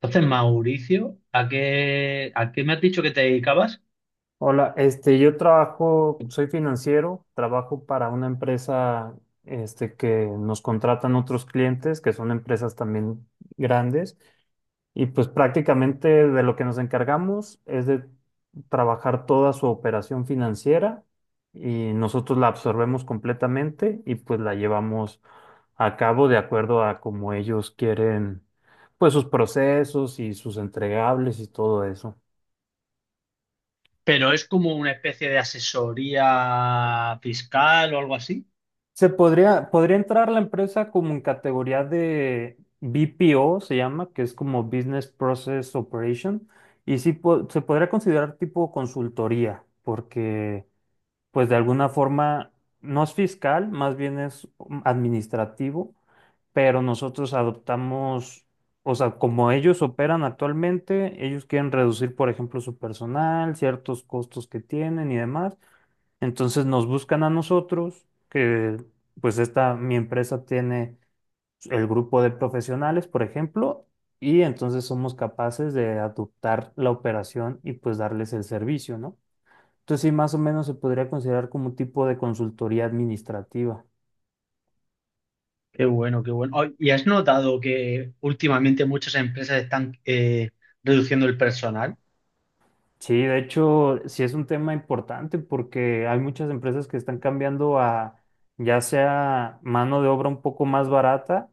Entonces, Mauricio, ¿a qué me has dicho que te dedicabas? Hola, yo trabajo, soy financiero, trabajo para una empresa, que nos contratan otros clientes, que son empresas también grandes, y pues prácticamente de lo que nos encargamos es de trabajar toda su operación financiera y nosotros la absorbemos completamente y pues la llevamos a cabo de acuerdo a cómo ellos quieren, pues sus procesos y sus entregables y todo eso. Pero es como una especie de asesoría fiscal o algo así. Podría entrar la empresa como en categoría de BPO, se llama, que es como Business Process Operation, y se podría considerar tipo consultoría, porque pues de alguna forma no es fiscal, más bien es administrativo, pero nosotros adoptamos, o sea, como ellos operan actualmente, ellos quieren reducir, por ejemplo, su personal, ciertos costos que tienen y demás. Entonces nos buscan a nosotros, que pues esta, mi empresa tiene el grupo de profesionales, por ejemplo, y entonces somos capaces de adoptar la operación y pues darles el servicio, ¿no? Entonces sí, más o menos se podría considerar como un tipo de consultoría administrativa. Qué bueno, qué bueno. Ay, ¿y has notado que últimamente muchas empresas están reduciendo el personal? Sí, de hecho, sí es un tema importante porque hay muchas empresas que están cambiando a ya sea mano de obra un poco más barata,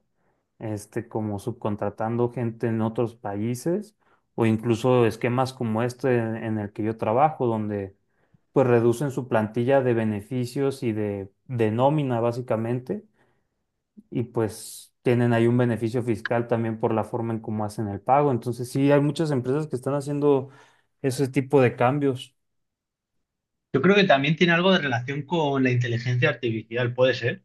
como subcontratando gente en otros países o incluso esquemas como este en el que yo trabajo, donde pues reducen su plantilla de beneficios y de nómina básicamente y pues tienen ahí un beneficio fiscal también por la forma en cómo hacen el pago. Entonces sí, hay muchas empresas que están haciendo ese tipo de cambios. Yo creo que también tiene algo de relación con la inteligencia artificial, puede ser.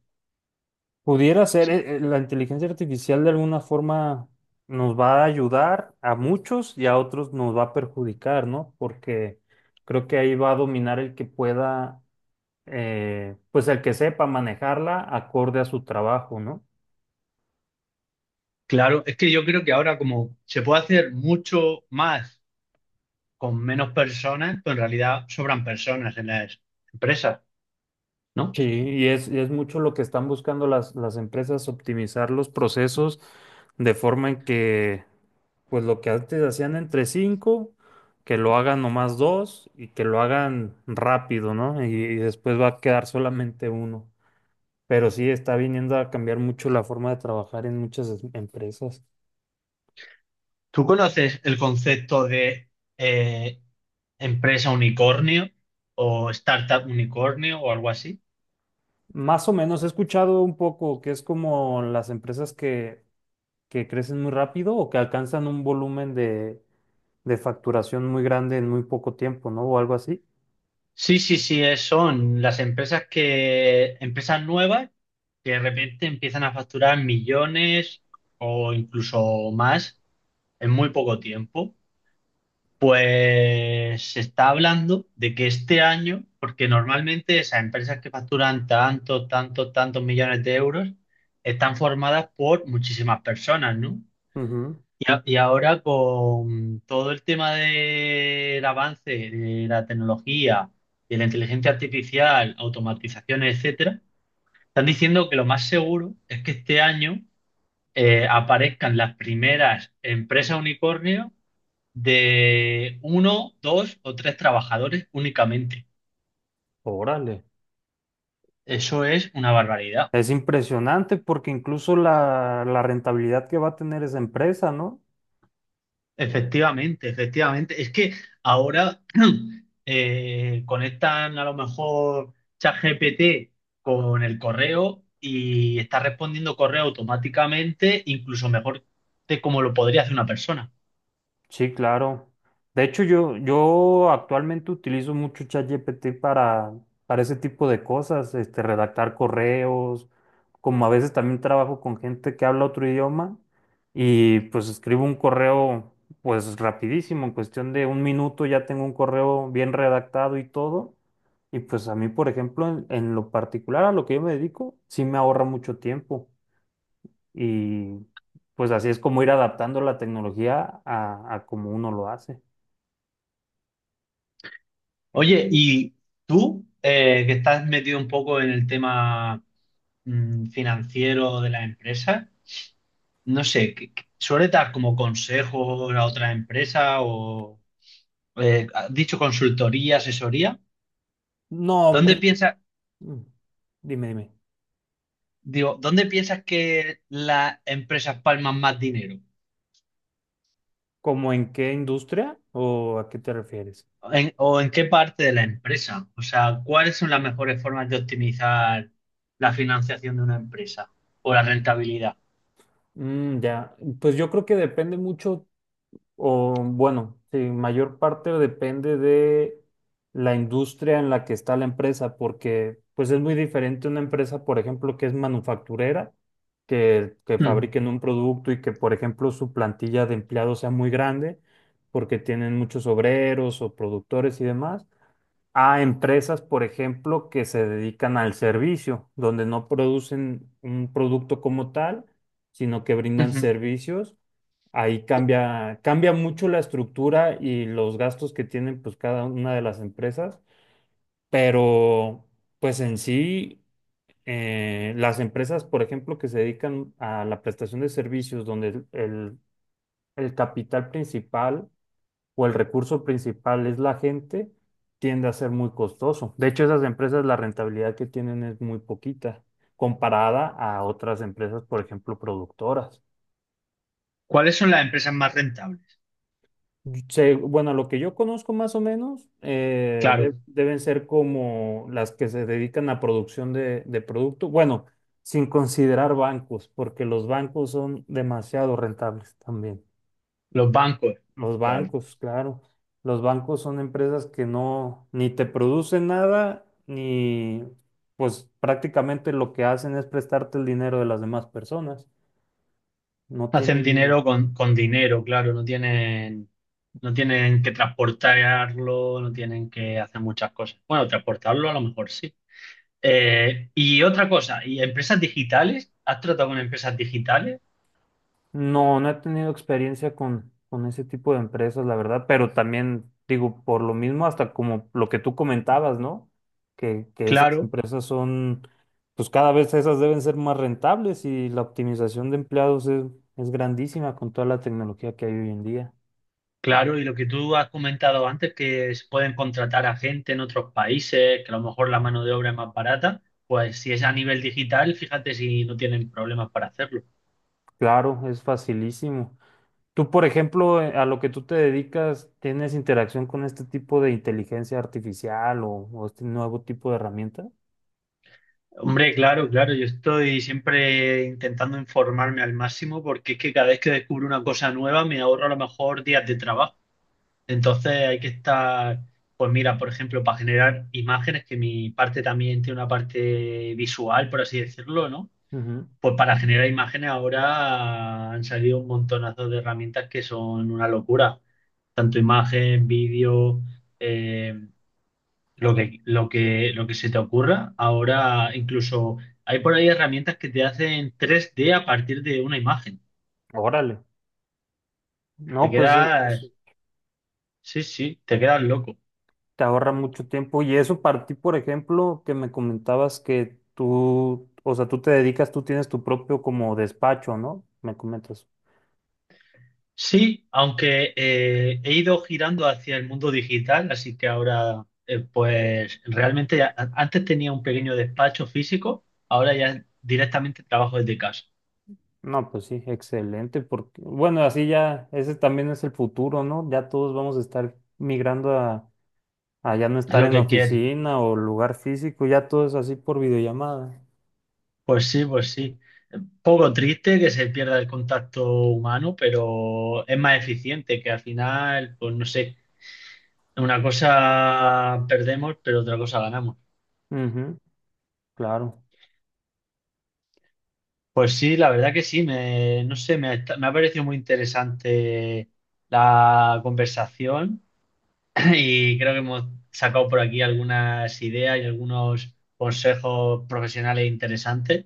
Pudiera ser, Sí. La inteligencia artificial de alguna forma nos va a ayudar a muchos y a otros nos va a perjudicar, ¿no? Porque creo que ahí va a dominar el que pueda, pues el que sepa manejarla acorde a su trabajo, ¿no? Claro, es que yo creo que ahora como se puede hacer mucho más con menos personas, pues en realidad sobran personas en las empresas, Sí, ¿no? Y es mucho lo que están buscando las empresas, optimizar los procesos de forma en que, pues lo que antes hacían entre cinco, que lo hagan nomás dos y que lo hagan rápido, ¿no? Y después va a quedar solamente uno. Pero sí está viniendo a cambiar mucho la forma de trabajar en muchas empresas. ¿Tú conoces el concepto de eh, empresa unicornio o startup unicornio o algo así? Más o menos he escuchado un poco que es como las empresas que crecen muy rápido o que alcanzan un volumen de facturación muy grande en muy poco tiempo, ¿no? O algo así. Sí, sí, sí, son las empresas que, empresas nuevas que de repente empiezan a facturar millones o incluso más en muy poco tiempo. Se está hablando de que este año, porque normalmente esas empresas que facturan tantos, tantos, tantos millones de euros están formadas por muchísimas personas, ¿no? Ujú. Y, y ahora con todo el tema del avance de la tecnología, de la inteligencia artificial, automatizaciones, etcétera, están diciendo que lo más seguro es que este año aparezcan las primeras empresas unicornio de uno, dos o tres trabajadores únicamente. Órale. Eso es una barbaridad. Es impresionante porque incluso la rentabilidad que va a tener esa empresa, ¿no? Efectivamente, efectivamente. Es que ahora conectan a lo mejor ChatGPT con el correo y está respondiendo correo automáticamente, incluso mejor de como lo podría hacer una persona. Sí, claro. De hecho, yo actualmente utilizo mucho ChatGPT para ese tipo de cosas, redactar correos, como a veces también trabajo con gente que habla otro idioma y pues escribo un correo pues rapidísimo, en cuestión de un minuto ya tengo un correo bien redactado y todo. Y pues a mí, por ejemplo, en lo particular a lo que yo me dedico, sí me ahorra mucho tiempo. Y pues así es como ir adaptando la tecnología a como uno lo hace. Oye, y tú, que estás metido un poco en el tema financiero de las empresas, no sé, ¿suele dar como consejos a otras empresas o has dicho consultoría, asesoría? No, ¿Dónde pri- piensas? mm, dime, dime. Digo, ¿dónde piensas que las empresas palman más dinero? ¿Cómo en qué industria o a qué te refieres? ¿En- o en qué parte de la empresa? O sea, ¿cuáles son las mejores formas de optimizar la financiación de una empresa o la rentabilidad? Ya, pues yo creo que depende mucho. O bueno, sí, mayor parte depende de la industria en la que está la empresa, porque pues es muy diferente una empresa, por ejemplo, que es manufacturera, que Hmm, fabriquen un producto y que, por ejemplo, su plantilla de empleados sea muy grande, porque tienen muchos obreros o productores y demás, a empresas, por ejemplo, que se dedican al servicio, donde no producen un producto como tal, sino que brindan ujú. servicios ahí cambia, cambia mucho la estructura y los gastos que tienen pues cada una de las empresas, pero pues en sí, las empresas, por ejemplo, que se dedican a la prestación de servicios, donde el capital principal o el recurso principal es la gente, tiende a ser muy costoso. De hecho, esas empresas, la rentabilidad que tienen es muy poquita comparada a otras empresas, por ejemplo, productoras. ¿Cuáles son las empresas más rentables? Bueno, lo que yo conozco más o menos Claro, deben ser como las que se dedican a producción de producto. Bueno, sin considerar bancos, porque los bancos son demasiado rentables también. los bancos, Los claro. bancos, claro. Los bancos son empresas que no, ni te producen nada, ni pues prácticamente lo que hacen es prestarte el dinero de las demás personas. No Hacen tienen. dinero con dinero, claro, no tienen, no tienen que transportarlo, no tienen que hacer muchas cosas. Bueno, transportarlo a lo mejor sí. Y otra cosa, ¿y empresas digitales? ¿Has tratado con empresas digitales? No, no he tenido experiencia con ese tipo de empresas, la verdad, pero también digo, por lo mismo, hasta como lo que tú comentabas, ¿no? Que esas Claro, empresas son, pues cada vez esas deben ser más rentables y la optimización de empleados es grandísima con toda la tecnología que hay hoy en día. claro. Y lo que tú has comentado antes, que se pueden contratar a gente en otros países, que a lo mejor la mano de obra es más barata, pues si es a nivel digital, fíjate si no tienen problemas para hacerlo. Claro, es facilísimo. Tú, por ejemplo, a lo que tú te dedicas, ¿tienes interacción con este tipo de inteligencia artificial o este nuevo tipo de herramienta? Hombre, claro, claro. Yo estoy siempre intentando informarme al máximo porque es que cada vez que descubro una cosa nueva me ahorro a lo mejor días de trabajo. Entonces hay que estar, pues mira, por ejemplo, para generar imágenes, que mi parte también tiene una parte visual, por así decirlo, ¿no? Ujú. Pues para generar imágenes ahora han salido un montonazo de herramientas que son una locura. Tanto imagen, vídeo, eh, lo que se te ocurra. Ahora incluso hay por ahí herramientas que te hacen 3D a partir de una imagen. Órale. Te No, pues e- eso quedas, sí, sí, te quedas loco. te ahorra mucho tiempo. Y eso para ti, por ejemplo, que me comentabas que tú, o sea, tú te dedicas, tú tienes tu propio como despacho, ¿no? Me comentas. Sí, aunque he ido girando hacia el mundo digital, así que ahora, pues realmente antes tenía un pequeño despacho físico, ahora ya directamente trabajo desde casa. No, pues sí, excelente, porque, bueno, así ya, ese también es el futuro, ¿no? Ya todos vamos a estar migrando a ya no Es estar lo en que quiere. oficina o lugar físico, ya todo es así por videollamada. Pues sí, pues sí. Poco triste que se pierda el contacto humano, pero es más eficiente, que al final, pues no sé, una cosa perdemos, pero otra cosa ganamos. Ujú, claro. Pues sí, la verdad que sí, me, no sé, me ha parecido muy interesante la conversación y creo que hemos sacado por aquí algunas ideas y algunos consejos profesionales interesantes,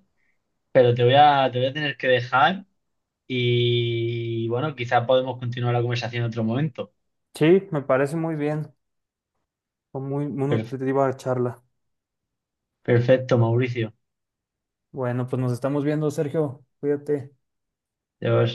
pero te voy a tener que dejar y bueno, quizá podemos continuar la conversación en otro momento. Sí, me parece muy bien. Fue muy, muy Per- nutritiva la charla. perfecto, Mauricio. Bueno, pues nos estamos viendo, Sergio. Cuídate. Adiós.